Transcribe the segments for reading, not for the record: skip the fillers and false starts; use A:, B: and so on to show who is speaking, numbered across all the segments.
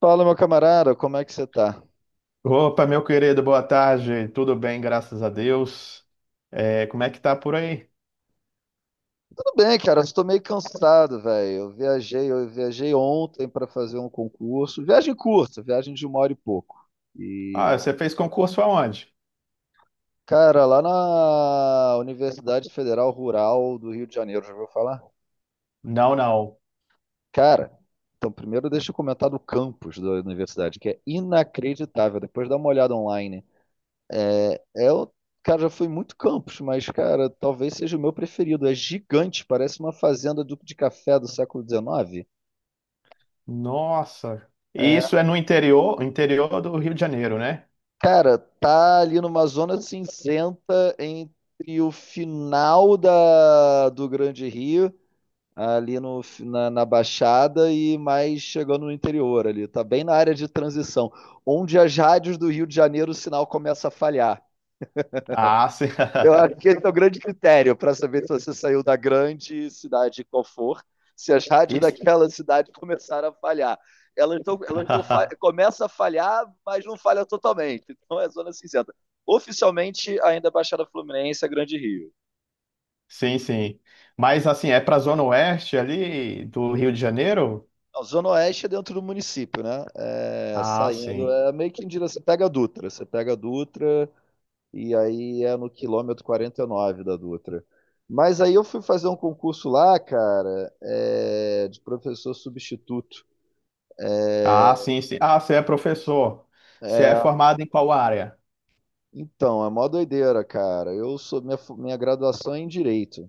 A: Fala, meu camarada, como é que você tá?
B: Opa, meu querido, boa tarde. Tudo bem, graças a Deus. É, como é que tá por aí?
A: Tudo bem, cara, eu estou meio cansado, velho. Eu viajei ontem para fazer um concurso. Viagem curta, viagem de uma hora e pouco.
B: Ah,
A: E,
B: você fez concurso aonde?
A: cara, lá na Universidade Federal Rural do Rio de Janeiro, já ouviu falar?
B: Não, não.
A: Cara, então primeiro deixa eu comentar do campus da universidade, que é inacreditável. Depois dá uma olhada online. É, é o- cara, já fui muito Campos, mas, cara, talvez seja o meu preferido. É gigante, parece uma fazenda de café do século XIX.
B: Nossa. E isso
A: É,
B: é no interior, interior do Rio de Janeiro, né?
A: cara, tá ali numa zona cinzenta entre o final do Grande Rio, ali no, na, na Baixada, e mais chegando no interior ali. Tá bem na área de transição, onde as rádios do Rio de Janeiro o sinal começa a falhar.
B: Ah, sim.
A: Eu acho que esse é o grande critério para saber se você saiu da grande cidade qual for, se as rádios
B: Isso-
A: daquela cidade começaram a falhar. Elas tão, começa a falhar, mas não falha totalmente. Então é zona cinzenta. Oficialmente, ainda é Baixada Fluminense é Grande Rio.
B: Sim, sim. Mas assim, é pra Zona Oeste ali do Rio de Janeiro?
A: A Zona Oeste é dentro do município, né? É,
B: Ah,
A: saindo,
B: sim.
A: é meio que em direção. Você pega a Dutra, e aí é no quilômetro 49 da Dutra. Mas aí eu fui fazer um concurso lá, cara, é, de professor substituto.
B: Ah,
A: É,
B: sim, sim. Ah, você é professor. Você é
A: é,
B: formado em qual área?
A: então, é mó doideira, cara. Eu sou minha, fu- minha graduação é em direito.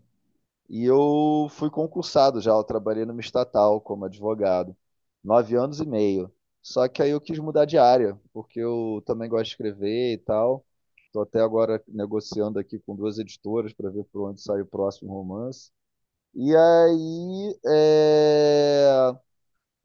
A: E eu fui concursado já, eu trabalhei numa estatal como advogado, 9 anos e meio. Só que aí eu quis mudar de área, porque eu também gosto de escrever e tal. Estou até agora negociando aqui com duas editoras para ver por onde sai o próximo romance. E aí,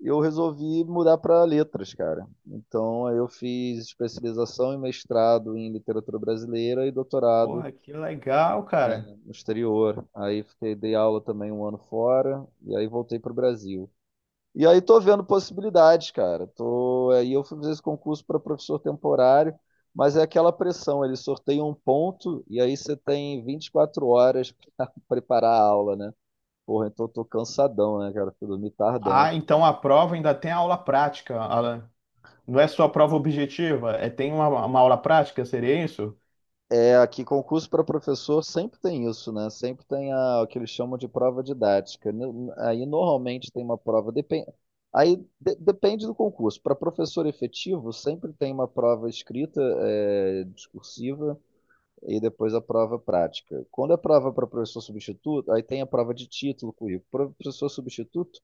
A: eu resolvi mudar para letras, cara. Então aí eu fiz especialização e mestrado em literatura brasileira e doutorado
B: Porra, que legal, cara.
A: no exterior. Aí fiquei, dei aula também um ano fora e aí voltei para o Brasil. E aí tô vendo possibilidades, cara. Aí eu fui fazer esse concurso para professor temporário, mas é aquela pressão, eles sorteiam um ponto e aí você tem 24 horas para preparar a aula, né? Porra, então eu tô cansadão, né, cara? Fui dormir tardão.
B: Ah, então a prova ainda tem aula prática. Não é só prova objetiva, é tem uma aula prática, seria isso?
A: É, aqui concurso para professor sempre tem isso, né? Sempre tem o que eles chamam de prova didática. Aí normalmente tem uma prova, depende, aí depende do concurso. Para professor efetivo, sempre tem uma prova escrita, é, discursiva e depois a prova prática. Quando é prova para professor substituto, aí tem a prova de título, currículo. Para professor substituto,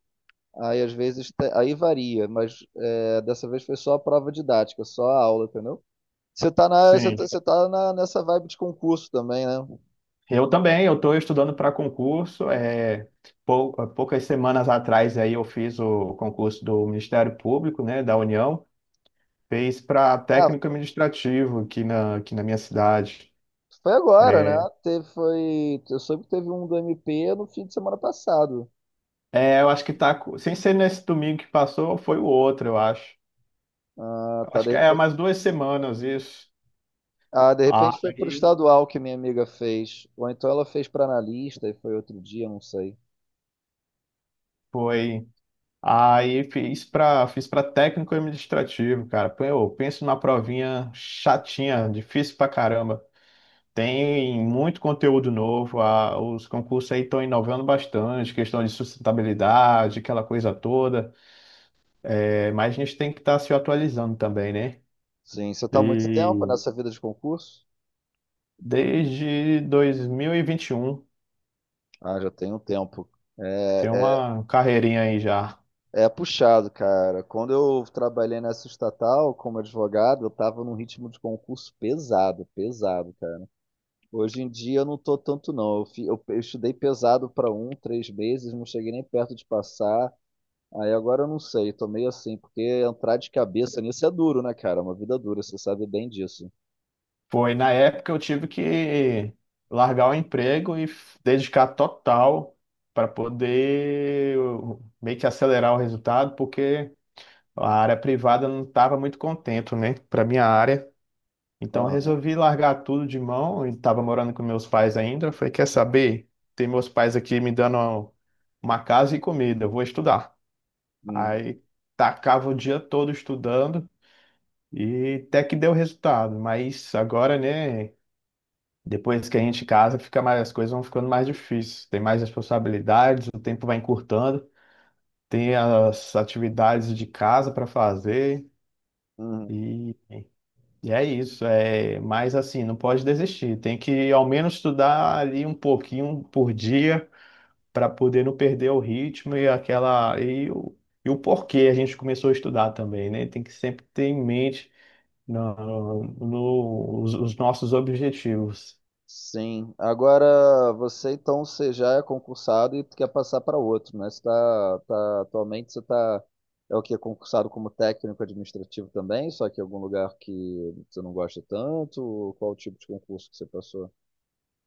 A: aí às vezes aí varia, mas é, dessa vez foi só a prova didática, só a aula, entendeu?
B: Sim.
A: Você tá na, nessa vibe de concurso também, né?
B: Eu também, eu estou estudando para concurso. É, poucas semanas atrás aí eu fiz o concurso do Ministério Público, né, da União, fez para técnico
A: Ah,
B: administrativo aqui na minha cidade.
A: foi agora,
B: É,
A: né? Teve, foi, eu soube que teve um do MP no fim de semana passado.
B: é, eu acho que tá, sem ser nesse domingo que passou, foi o outro, eu acho.
A: Ah,
B: Eu
A: tá,
B: acho
A: de
B: que é
A: repente,
B: umas duas semanas isso.
A: ah, de repente foi pro
B: Aí
A: estadual que minha amiga fez. Ou então ela fez pra analista e foi outro dia, não sei.
B: foi. Aí fiz para técnico administrativo, cara. Pô, eu penso numa provinha chatinha, difícil pra caramba. Tem muito conteúdo novo, os concursos aí estão inovando bastante, questão de sustentabilidade, aquela coisa toda. É, mas a gente tem que estar se atualizando também, né?
A: Sim, você tá há muito tempo
B: E
A: nessa vida de concurso?
B: desde dois mil e vinte e um,
A: Ah, já tem um tempo. É
B: tem
A: é,
B: uma carreirinha aí já.
A: é puxado, cara. Quando eu trabalhei nessa estatal como advogado, eu tava num ritmo de concurso pesado, pesado. Hoje em dia eu não tô tanto não. Eu estudei pesado para um, 3 meses, não cheguei nem perto de passar. Aí agora eu não sei, tô meio assim, porque entrar de cabeça nisso é duro, né, cara? É uma vida dura, você sabe bem disso.
B: Foi, na época eu tive que largar o emprego e dedicar total para poder eu, meio que acelerar o resultado, porque a área privada não estava muito contente, né, para minha área. Então eu
A: Aham.
B: resolvi largar tudo de mão e estava morando com meus pais ainda. Eu falei, quer saber? Tem meus pais aqui me dando uma casa e comida, eu vou estudar.
A: Uhum.
B: Aí tacava o dia todo estudando e até que deu resultado, mas agora, né? Depois que a gente casa, fica mais, as coisas vão ficando mais difíceis. Tem mais responsabilidades, o tempo vai encurtando, tem as atividades de casa para fazer
A: Uhum.
B: e, e é isso. É, mas assim, não pode desistir. Tem que ao menos estudar ali um pouquinho por dia para poder não perder o ritmo e aquela e o porquê a gente começou a estudar também, né? Tem que sempre ter em mente os nossos objetivos.
A: Sim. Agora você então você já é concursado e quer passar para outro, né? Atualmente você tá é o que concursado como técnico administrativo também, só que em algum lugar que você não gosta tanto, ou qual tipo de concurso que você passou?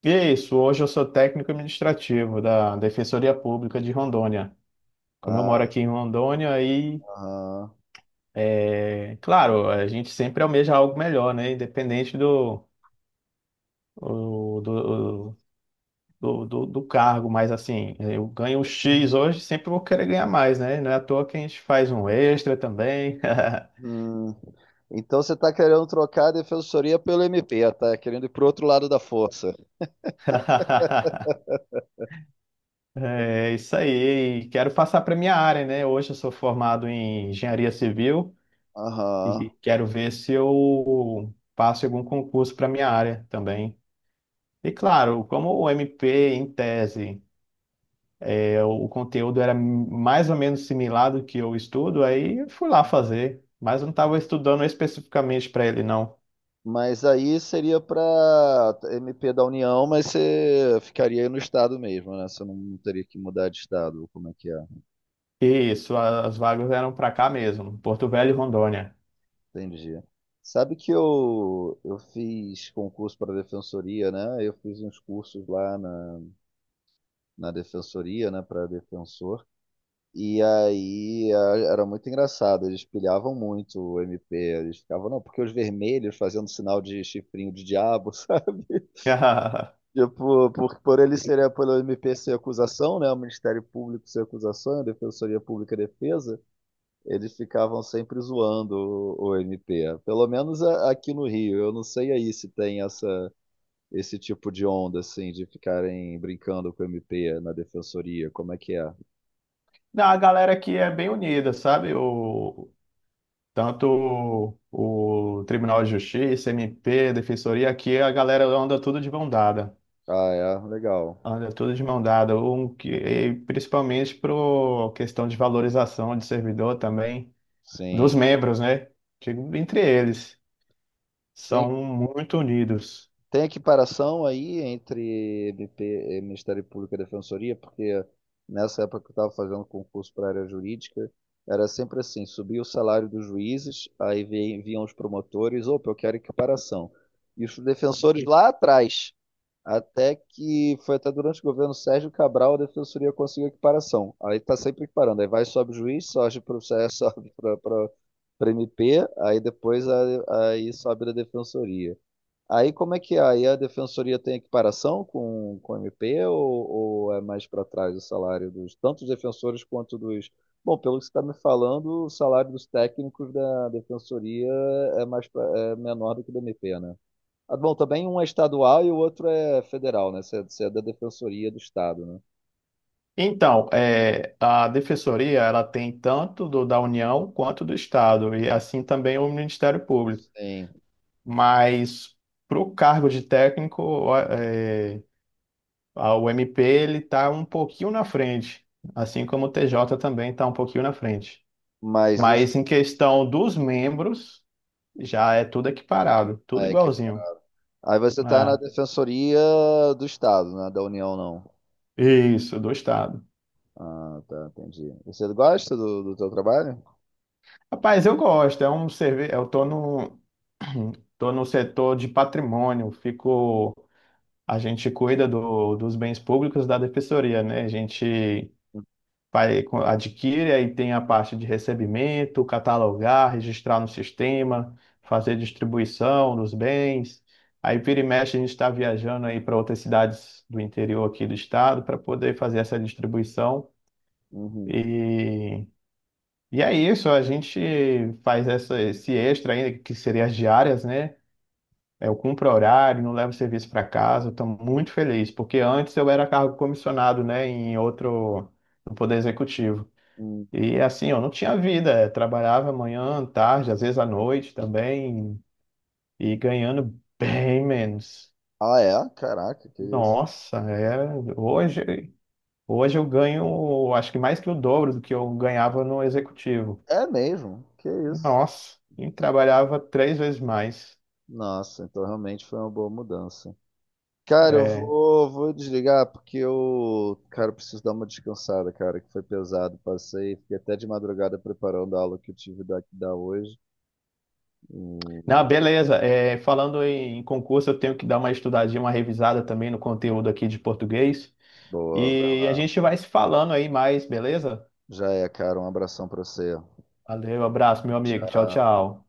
B: E é isso, hoje eu sou técnico administrativo da Defensoria Pública de Rondônia. Como eu moro
A: Ah,
B: aqui em Rondônia, aí,
A: Ah,
B: é, claro, a gente sempre almeja algo melhor, né? Independente do, o- do, do, do, do cargo, mas assim, eu ganho um X hoje, sempre vou querer ganhar mais, né? Não é à toa que a gente faz um extra também.
A: hum. Então você está querendo trocar a defensoria pelo MP, tá querendo ir pro outro lado da força.
B: É isso aí, e quero passar para minha área, né? Hoje eu sou formado em engenharia civil.
A: Aham.
B: E quero ver se eu passo em algum concurso para minha área também. E claro, como o MP em tese, é, o conteúdo era mais ou menos similar do que eu estudo, aí eu fui lá fazer, mas eu não estava estudando especificamente para ele, não.
A: Mas aí seria para MP da União, mas você ficaria aí no estado mesmo, né? Você não teria que mudar de estado, como é que é?
B: Isso, as vagas eram para cá mesmo, Porto Velho e Rondônia.
A: Entendi. Sabe que eu fiz concurso para defensoria, né? Eu fiz uns cursos lá na defensoria, né, para defensor. E aí era muito engraçado, eles pilhavam muito o MP, eles ficavam, não, porque os vermelhos fazendo sinal de chifrinho de diabo, sabe? Tipo, por ele seria pelo MP ser acusação, né? O Ministério Público ser acusação, a Defensoria Pública defesa, eles ficavam sempre zoando o MP. Pelo menos aqui no Rio, eu não sei aí se tem essa esse tipo de onda assim de ficarem brincando com o MP na defensoria, como é que é?
B: Não, a galera aqui é bem unida, sabe? Tanto o Tribunal de Justiça, MP, Defensoria, aqui a galera anda tudo de mão dada.
A: Ah, é, legal.
B: Anda tudo de mão dada, e principalmente por questão de valorização de servidor também, dos
A: Sim.
B: membros, né? Digo, entre eles,
A: Tem
B: são muito unidos.
A: Tem equiparação aí entre MP, eh, Ministério Público e Defensoria, porque nessa época que eu estava fazendo concurso para a área jurídica, era sempre assim, subia o salário dos juízes, aí vinham os promotores, opa, eu quero equiparação. E os defensores lá atrás, até que foi até durante o governo Sérgio Cabral, a Defensoria conseguiu equiparação. Aí está sempre equiparando, aí vai, sobe o juiz, sobe para o sobe para MP, aí depois aí sobe da Defensoria. Aí como é que é? Aí a defensoria tem equiparação com o MP ou é mais para trás o salário dos tanto dos defensores quanto dos. Bom, pelo que você está me falando, o salário dos técnicos da defensoria é menor do que do MP, né? Ah, bom, também um é estadual e o outro é federal, né? Você é da defensoria do estado, né?
B: Então, é, a defensoria, ela tem tanto da União quanto do Estado, e assim também o Ministério Público.
A: Sim,
B: Mas, para o cargo de técnico, ó, é, o MP, ele está um pouquinho na frente, assim como o TJ também está um pouquinho na frente.
A: mas isso
B: Mas em questão dos membros, já é tudo equiparado, tudo
A: é que
B: igualzinho.
A: aí você tá na
B: É.
A: defensoria do Estado, né? Da União não.
B: Isso, do Estado.
A: Ah, tá, entendi. Você gosta do, do teu trabalho?
B: Rapaz, eu gosto, é um serviço. Eu tô no, tô no setor de patrimônio, fico. A gente cuida do, dos bens públicos da defensoria, né? A gente vai, adquire, aí tem a parte de recebimento, catalogar, registrar no sistema, fazer distribuição dos bens. Aí vira e mexe, a gente está viajando aí para outras cidades do interior aqui do estado para poder fazer essa distribuição.
A: Uhum.
B: E, e é isso, a gente faz essa, esse extra ainda, que seria as diárias, né? É, eu cumpro horário, não levo serviço para casa, estou muito feliz, porque antes eu era cargo comissionado, né, em outro, no Poder Executivo.
A: Hum.
B: E assim, eu não tinha vida, trabalhava manhã, tarde, às vezes à noite também, e ganhando bem menos.
A: Ah, é? Caraca, que isso.
B: Nossa, é, hoje, hoje eu ganho, acho que mais que o dobro do que eu ganhava no executivo.
A: É mesmo? Que isso.
B: Nossa, e trabalhava três vezes mais.
A: Nossa, então realmente foi uma boa mudança. Cara, eu
B: É.
A: vou, vou desligar porque eu, cara, eu preciso dar uma descansada, cara, que foi pesado. Passei, fiquei até de madrugada preparando a aula que eu tive da hoje. E,
B: Não, beleza, é, falando em concurso, eu tenho que dar uma estudadinha, uma revisada também no conteúdo aqui de português.
A: boa, vai
B: E a
A: lá.
B: gente vai se falando aí mais, beleza?
A: Já é, cara, um abração pra você.
B: Valeu, abraço, meu amigo. Tchau,
A: Tchau.
B: tchau.